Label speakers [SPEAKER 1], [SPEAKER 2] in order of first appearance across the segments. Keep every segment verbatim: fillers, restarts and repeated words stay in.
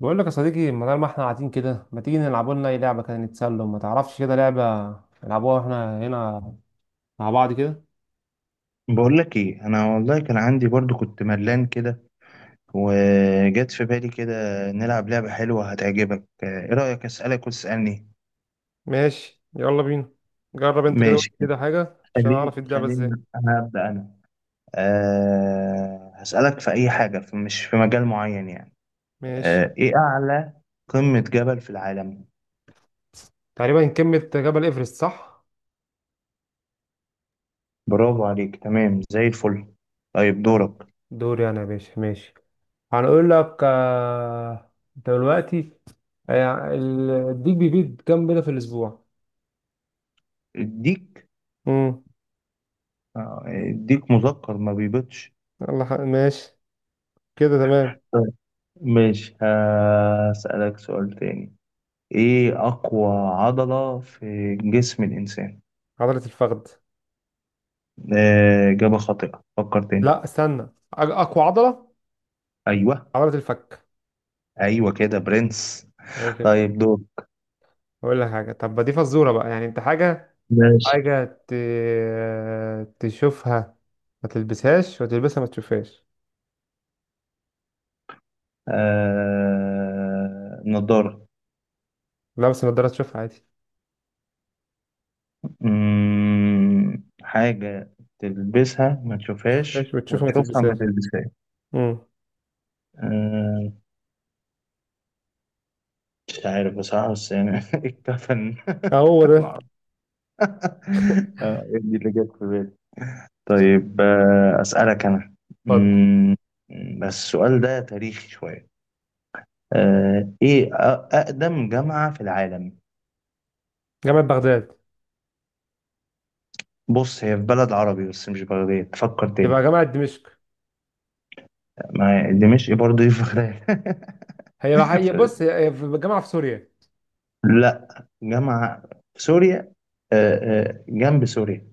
[SPEAKER 1] بقول لك يا صديقي، بدل ما احنا قاعدين كده ما تيجي نلعبوا لنا اي لعبه كده نتسلى؟ ما تعرفش كده لعبه نلعبوها احنا هنا مع بعض كده؟
[SPEAKER 2] بقول لك ايه، انا والله كان عندي برضو، كنت ملان كده. وجت في بالي كده، نلعب لعبة حلوة هتعجبك. ايه رأيك؟ اسألك وتسألني.
[SPEAKER 1] ماشي، يلا بينا. جرب انت كده، قول
[SPEAKER 2] ماشي.
[SPEAKER 1] كده حاجة عشان
[SPEAKER 2] خليني
[SPEAKER 1] اعرف اللعبة
[SPEAKER 2] خليني
[SPEAKER 1] ازاي.
[SPEAKER 2] انا ابدأ انا. أه هسألك في اي حاجة، في مش في مجال معين يعني.
[SPEAKER 1] ماشي.
[SPEAKER 2] أه ايه اعلى قمة جبل في العالم؟
[SPEAKER 1] تقريبا قمه جبل ايفرست، صح؟
[SPEAKER 2] برافو عليك، تمام زي الفل. طيب، دورك.
[SPEAKER 1] دوري انا يا باشا، ماشي. هنقول لك آه، دلوقتي آه، ال- الديك بيبيض كام بيضه في الاسبوع؟
[SPEAKER 2] اديك؟
[SPEAKER 1] امم
[SPEAKER 2] آه، اديك مذكر ما بيبطش.
[SPEAKER 1] يلا، ح- ماشي، كده تمام.
[SPEAKER 2] طيب، ماشي. هسألك سؤال تاني، ايه اقوى عضلة في جسم الانسان؟
[SPEAKER 1] عضلة الفخذ.
[SPEAKER 2] آه، اجابة خاطئة، فكر تاني.
[SPEAKER 1] لا، استنى. أج- اقوى عضله
[SPEAKER 2] ايوه.
[SPEAKER 1] عضلة الفك.
[SPEAKER 2] ايوه كده، برنس.
[SPEAKER 1] أي خدمة.
[SPEAKER 2] طيب، دور.
[SPEAKER 1] أقول لك حاجة. طب ما دي فزورة بقى، يعني أنت حاجة
[SPEAKER 2] ماشي.
[SPEAKER 1] حاجة ت... تشوفها، ما تلبسهاش، وتلبسها ما تشوفهاش.
[SPEAKER 2] آه... نضارة.
[SPEAKER 1] لابس النضارة تشوفها عادي.
[SPEAKER 2] مم... حاجة تلبسها ما تشوفهاش،
[SPEAKER 1] تشوفهاش وتشوفها ما
[SPEAKER 2] وتشوفها ما
[SPEAKER 1] تلبسهاش.
[SPEAKER 2] تلبسهاش.
[SPEAKER 1] امم
[SPEAKER 2] آه... مش عارف بصراحة، بس يعني الكفن.
[SPEAKER 1] هو ده.
[SPEAKER 2] معرفش. آه... إيه دي اللي جت في بالي. طيب، آه، أسألك أنا.
[SPEAKER 1] اتفضل.
[SPEAKER 2] مم، بس السؤال ده تاريخي شوية. آه، إيه أ- أقدم جامعة في العالم؟
[SPEAKER 1] جامعة بغداد.
[SPEAKER 2] بص، هي في بلد عربي بس مش بغداد، فكر
[SPEAKER 1] يبقى
[SPEAKER 2] تاني.
[SPEAKER 1] جامعة دمشق.
[SPEAKER 2] ما هي دمشق برضه، إيه في بغداد.
[SPEAKER 1] هي هي
[SPEAKER 2] ف-
[SPEAKER 1] بص، هي هي في جامعة في سوريا.
[SPEAKER 2] لا، جامعة في سوريا. آه، آه، جنب سوريا.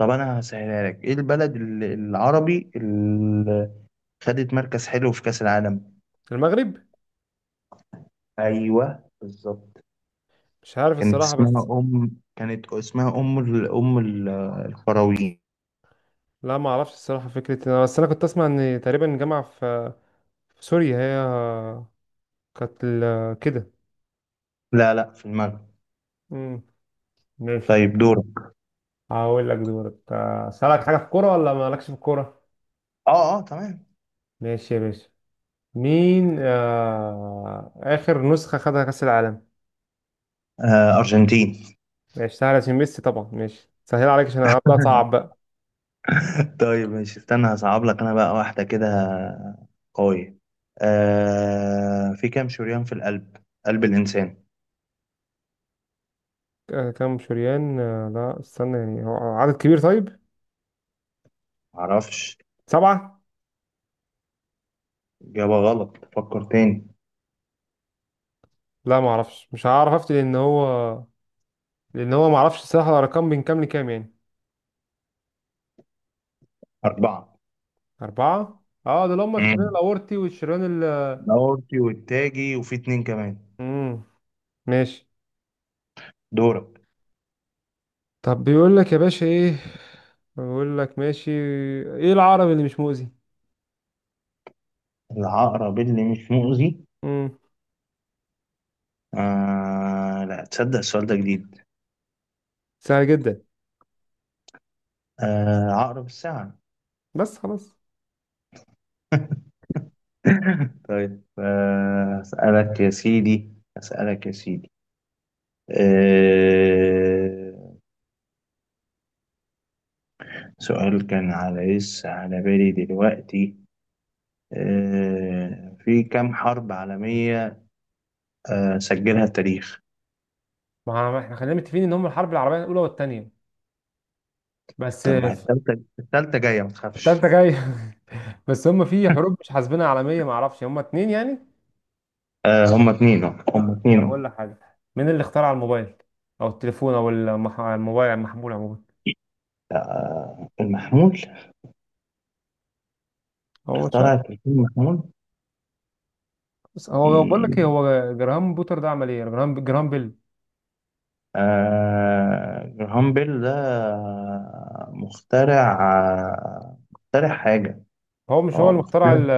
[SPEAKER 2] طب أنا هسهلها لك، إيه البلد ال- العربي اللي خدت مركز حلو في كأس العالم؟
[SPEAKER 1] المغرب.
[SPEAKER 2] أيوه بالظبط.
[SPEAKER 1] مش عارف
[SPEAKER 2] كانت
[SPEAKER 1] الصراحة، بس
[SPEAKER 2] اسمها أم، كانت اسمها أم ال... أم ال- القرويين.
[SPEAKER 1] لا، ما اعرفش الصراحة. فكرة إن أنا، بس أنا كنت أسمع إن تقريبا جامعة في في سوريا هي كانت ال- كده.
[SPEAKER 2] لا لا، في المغرب.
[SPEAKER 1] امم ماشي.
[SPEAKER 2] طيب دورك.
[SPEAKER 1] هقول لك دورك. آه، أسألك حاجة في الكورة ولا مالكش في الكورة؟
[SPEAKER 2] اه اه، تمام.
[SPEAKER 1] ماشي يا باشا. مين آه... آخر نسخة خدها كأس العالم؟
[SPEAKER 2] آه أرجنتين.
[SPEAKER 1] ماشي سهل عشان ميسي طبعا، ماشي سهل عليك عشان هبدأ صعب بقى.
[SPEAKER 2] طيب، ماشي، استنى، هصعب لك أنا بقى واحدة كده قوية. آه في كام شريان في القلب، قلب الإنسان؟
[SPEAKER 1] آه، كام شريان؟ آه، لا استنى، يعني هو عدد كبير طيب؟
[SPEAKER 2] معرفش.
[SPEAKER 1] سبعة؟
[SPEAKER 2] إجابة غلط، فكر تاني.
[SPEAKER 1] لا معرفش، مش هعرف أفتي لأن هو لأن هو معرفش الصراحة الأرقام من كام لكام يعني.
[SPEAKER 2] أربعة.
[SPEAKER 1] أربعة؟ اه، دول هما الشريان
[SPEAKER 2] مم.
[SPEAKER 1] الأورطي والشريان ال
[SPEAKER 2] الأورطي والتاجي وفي اتنين كمان.
[SPEAKER 1] مم. ماشي.
[SPEAKER 2] دورك.
[SPEAKER 1] طب بيقول لك يا باشا ايه، بيقول لك ماشي، ايه العربي اللي مش مؤذي؟
[SPEAKER 2] العقرب اللي مش مؤذي.
[SPEAKER 1] امم
[SPEAKER 2] آه لا تصدق، السؤال ده جديد.
[SPEAKER 1] سهل جدا.
[SPEAKER 2] آه عقرب الساعة.
[SPEAKER 1] بس خلاص،
[SPEAKER 2] طيب، آه أسألك يا سيدي أسألك يا سيدي. آه سؤال كان على لسه على بالي دلوقتي. آه في كام حرب عالمية آه سجلها التاريخ؟
[SPEAKER 1] ما احنا خلينا متفقين ان هم الحرب العربيه الاولى والثانيه بس.
[SPEAKER 2] طب ما هي التالتة، التالتة جاية ما تخافش.
[SPEAKER 1] الثالثه جايه. بس هم في حروب مش حاسبينها عالميه، ما اعرفش، هم اتنين يعني.
[SPEAKER 2] آه هما اتنين أهو، هما
[SPEAKER 1] طب
[SPEAKER 2] اتنين أهو.
[SPEAKER 1] اقول لك حاجه، مين اللي اخترع الموبايل او التليفون او المح... الموبايل المحمول عموما؟
[SPEAKER 2] آه المحمول.
[SPEAKER 1] هو مش عارف.
[SPEAKER 2] اخترع التليفون
[SPEAKER 1] بس هو بقول لك ايه،
[SPEAKER 2] المحمول.
[SPEAKER 1] هو جراهام بوتر ده عمل ايه؟ جراهام جراهام بيل.
[SPEAKER 2] آه، جراهام بيل ده مخترع مخترع حاجة.
[SPEAKER 1] هو مش هو
[SPEAKER 2] اه
[SPEAKER 1] اللي اخترع
[SPEAKER 2] مخترع.
[SPEAKER 1] ال...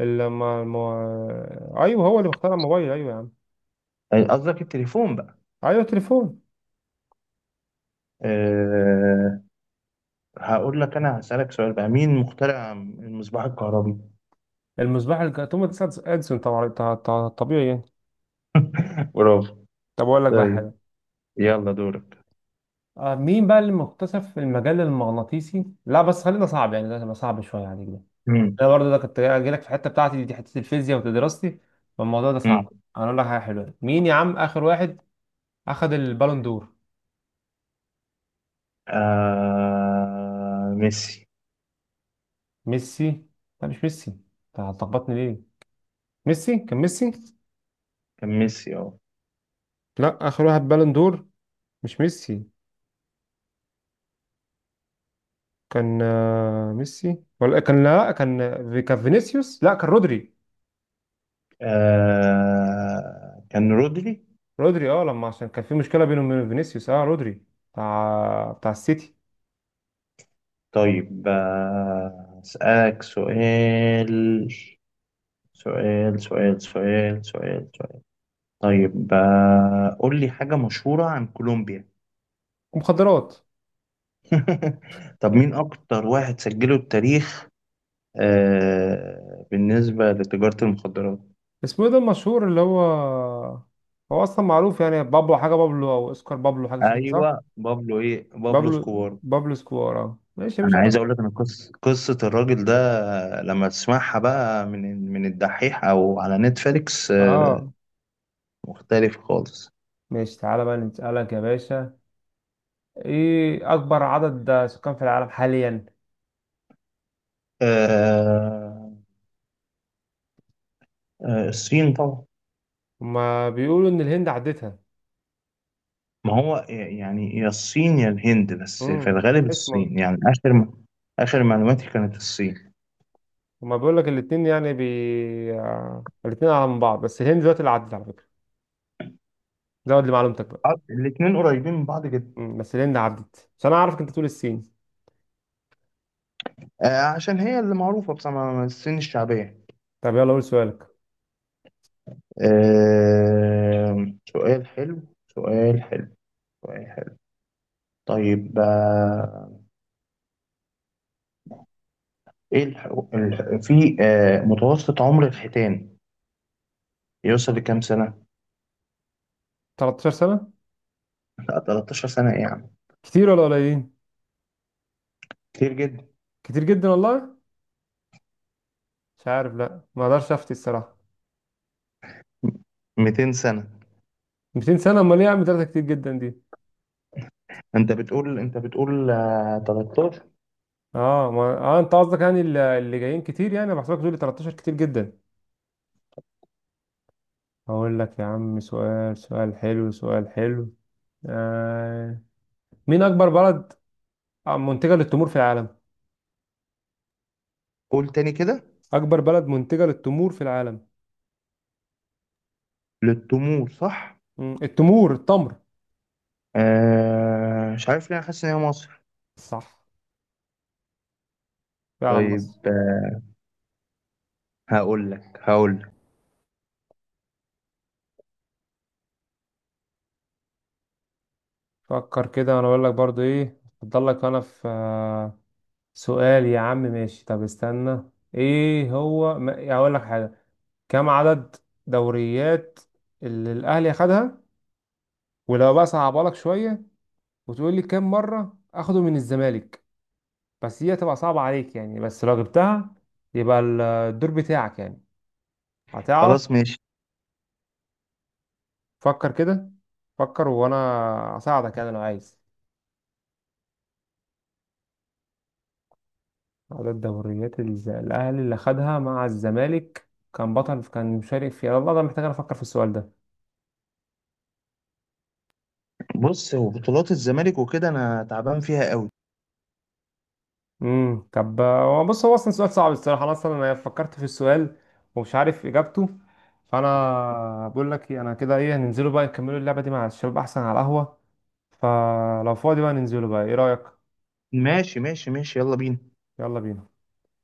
[SPEAKER 1] الم... الم... ايوه، هو اللي اخترع الموبايل، ايوه يا عم.
[SPEAKER 2] آه، قصدك التليفون بقى.
[SPEAKER 1] ايوه تليفون.
[SPEAKER 2] أه. هقول لك أنا، هسألك سؤال بقى، مين مخترع المصباح الكهربي؟
[SPEAKER 1] المصباح الك- توماس اديسون طبعا، ط- ط- طبيعي يعني.
[SPEAKER 2] برافو.
[SPEAKER 1] طب اقول لك بقى
[SPEAKER 2] طيب
[SPEAKER 1] حاجه.
[SPEAKER 2] يلا، دورك.
[SPEAKER 1] آه مين بقى اللي مكتشف المجال المغناطيسي؟ لا بس خلينا صعب يعني، ده هيبقى صعب شويه عليك ده.
[SPEAKER 2] مم.
[SPEAKER 1] انا برضه ده كنت جاي لك في الحته بتاعتي دي، حته الفيزياء ودراستي، فالموضوع ده
[SPEAKER 2] مم.
[SPEAKER 1] صعب. انا اقول لك حاجه حلوه، مين يا عم اخر واحد اخذ البالون دور؟
[SPEAKER 2] آه ميسي.
[SPEAKER 1] ميسي. لا مش ميسي، انت هتلخبطني ليه، ميسي كان ميسي.
[SPEAKER 2] كان ميسي اه.
[SPEAKER 1] لا، اخر واحد بالون دور مش ميسي. كان آه، ميسي، ولا كان، لا كان كان فينيسيوس، لا كان رودري.
[SPEAKER 2] آه، كان رودري.
[SPEAKER 1] رودري اه، لما عشان كان في مشكله بينه وبين فينيسيوس، اه رودري بتاع بتاع السيتي.
[SPEAKER 2] طيب، آه، أسألك سؤال سؤال سؤال سؤال سؤال سؤال. طيب آه، قول لي حاجة مشهورة عن كولومبيا.
[SPEAKER 1] ومخدرات.
[SPEAKER 2] طب مين أكتر واحد سجله التاريخ آه بالنسبة لتجارة المخدرات؟
[SPEAKER 1] اسمه ايه ده المشهور اللي هو، هو اصلا معروف يعني، بابلو حاجه، بابلو او اسكار، بابلو حاجه شكل، صح؟
[SPEAKER 2] أيوة بابلو، إيه، بابلو
[SPEAKER 1] بابلو
[SPEAKER 2] سكوار.
[SPEAKER 1] بابلو سكوار، اه ماشي يا باشا.
[SPEAKER 2] أنا عايز أقول لك أن قصة قصة الراجل ده، آه، لما تسمعها بقى من من الدحيح أو على نتفليكس، آه،
[SPEAKER 1] اه
[SPEAKER 2] مختلف خالص.
[SPEAKER 1] ماشي، تعالى بقى نسألك يا باشا. ايه اكبر عدد سكان في العالم حاليا؟
[SPEAKER 2] آه. آه، الصين طبعا.
[SPEAKER 1] هما بيقولوا ان الهند عدتها.
[SPEAKER 2] ما هو يعني يا الصين يا الهند، بس
[SPEAKER 1] امم
[SPEAKER 2] في الغالب
[SPEAKER 1] ايش؟
[SPEAKER 2] الصين، يعني آخر م... آخر معلوماتي كانت الصين.
[SPEAKER 1] هما بيقول لك الاتنين يعني بي، آه، الاتنين اعلى من بعض، بس الهند دلوقتي اللي عدت على فكرة، زود لمعلومتك بقى.
[SPEAKER 2] الاثنين قريبين من بعض جدا.
[SPEAKER 1] مم، بس الهند عدت، بس انا عارفك انت تقول الصين.
[SPEAKER 2] آه، عشان هي اللي معروفة بصراحة، الصين الشعبية.
[SPEAKER 1] طب يلا قول سؤالك.
[SPEAKER 2] آه، سؤال حلو سؤال حلو سؤال حلو. طيب آه، ايه الح... الح... في آه، متوسط عمر الحيتان يوصل لكام سنة؟
[SPEAKER 1] تلتاشر سنة.
[SPEAKER 2] لا ثلاثة عشر سنة، ايه يا عم،
[SPEAKER 1] كتير ولا قليلين؟
[SPEAKER 2] كتير جدا.
[SPEAKER 1] كتير جدا والله؟ مش عارف، لا ما اقدرش افتي الصراحة.
[SPEAKER 2] ميتين سنة.
[SPEAKER 1] مئتين سنة؟ امال ايه يا عم، ثلاثة كتير جدا دي؟
[SPEAKER 2] انت بتقول انت بتقول آه، تلتاشر.
[SPEAKER 1] اه ما... اه، انت قصدك يعني ال- اللي جايين كتير، يعني أنا بحسبك تقول لي تلتاشر كتير جدا. هقول لك يا عم سؤال، سؤال حلو، سؤال حلو، آه... مين اكبر بلد منتجة للتمور في العالم؟
[SPEAKER 2] قول تاني كده.
[SPEAKER 1] أكبر بلد منتجة للتمور في العالم.
[SPEAKER 2] للتمور، صح؟
[SPEAKER 1] مم. التمور، التمر.
[SPEAKER 2] آه مش عارف ليه، أنا حاسس ان هي مصر.
[SPEAKER 1] صح، فعلا
[SPEAKER 2] طيب
[SPEAKER 1] مصر.
[SPEAKER 2] آه هقول لك هقول لك.
[SPEAKER 1] فكر كده، أنا أقول لك برضو إيه أفضل لك. أنا في آه، سؤال يا عم، ماشي، طب استنى، إيه هو ما... أقول لك حاجة. كم عدد دوريات اللي الأهلي أخدها؟ ولو بقى صعبها لك شوية، وتقول لي كم مرة أخده من الزمالك. بس هي تبقى صعبة عليك يعني، بس لو جبتها يبقى ال- الدور بتاعك يعني، هتعرف.
[SPEAKER 2] خلاص ماشي.
[SPEAKER 1] فكر كده، فكر وانا اساعدك يعني لو عايز. عدد دوريات الز- الاهلي اللي خدها مع الزمالك، كان بطل، كان مشارك فيها، والله ده محتاج أنا افكر في السؤال ده.
[SPEAKER 2] بص، هو بطولات الزمالك وكده انا تعبان فيها قوي.
[SPEAKER 1] امم طب هو بص، هو اصلا سؤال صعب الصراحه، انا اصلا انا فكرت في السؤال ومش عارف اجابته. فانا بقول لك إيه، انا كده ايه، هننزلوا بقى نكملوا اللعبه دي مع الشباب احسن على القهوه. فلو فاضي بقى ننزلوا بقى، ايه رايك؟
[SPEAKER 2] ماشي ماشي ماشي يلا بينا.
[SPEAKER 1] يلا بينا.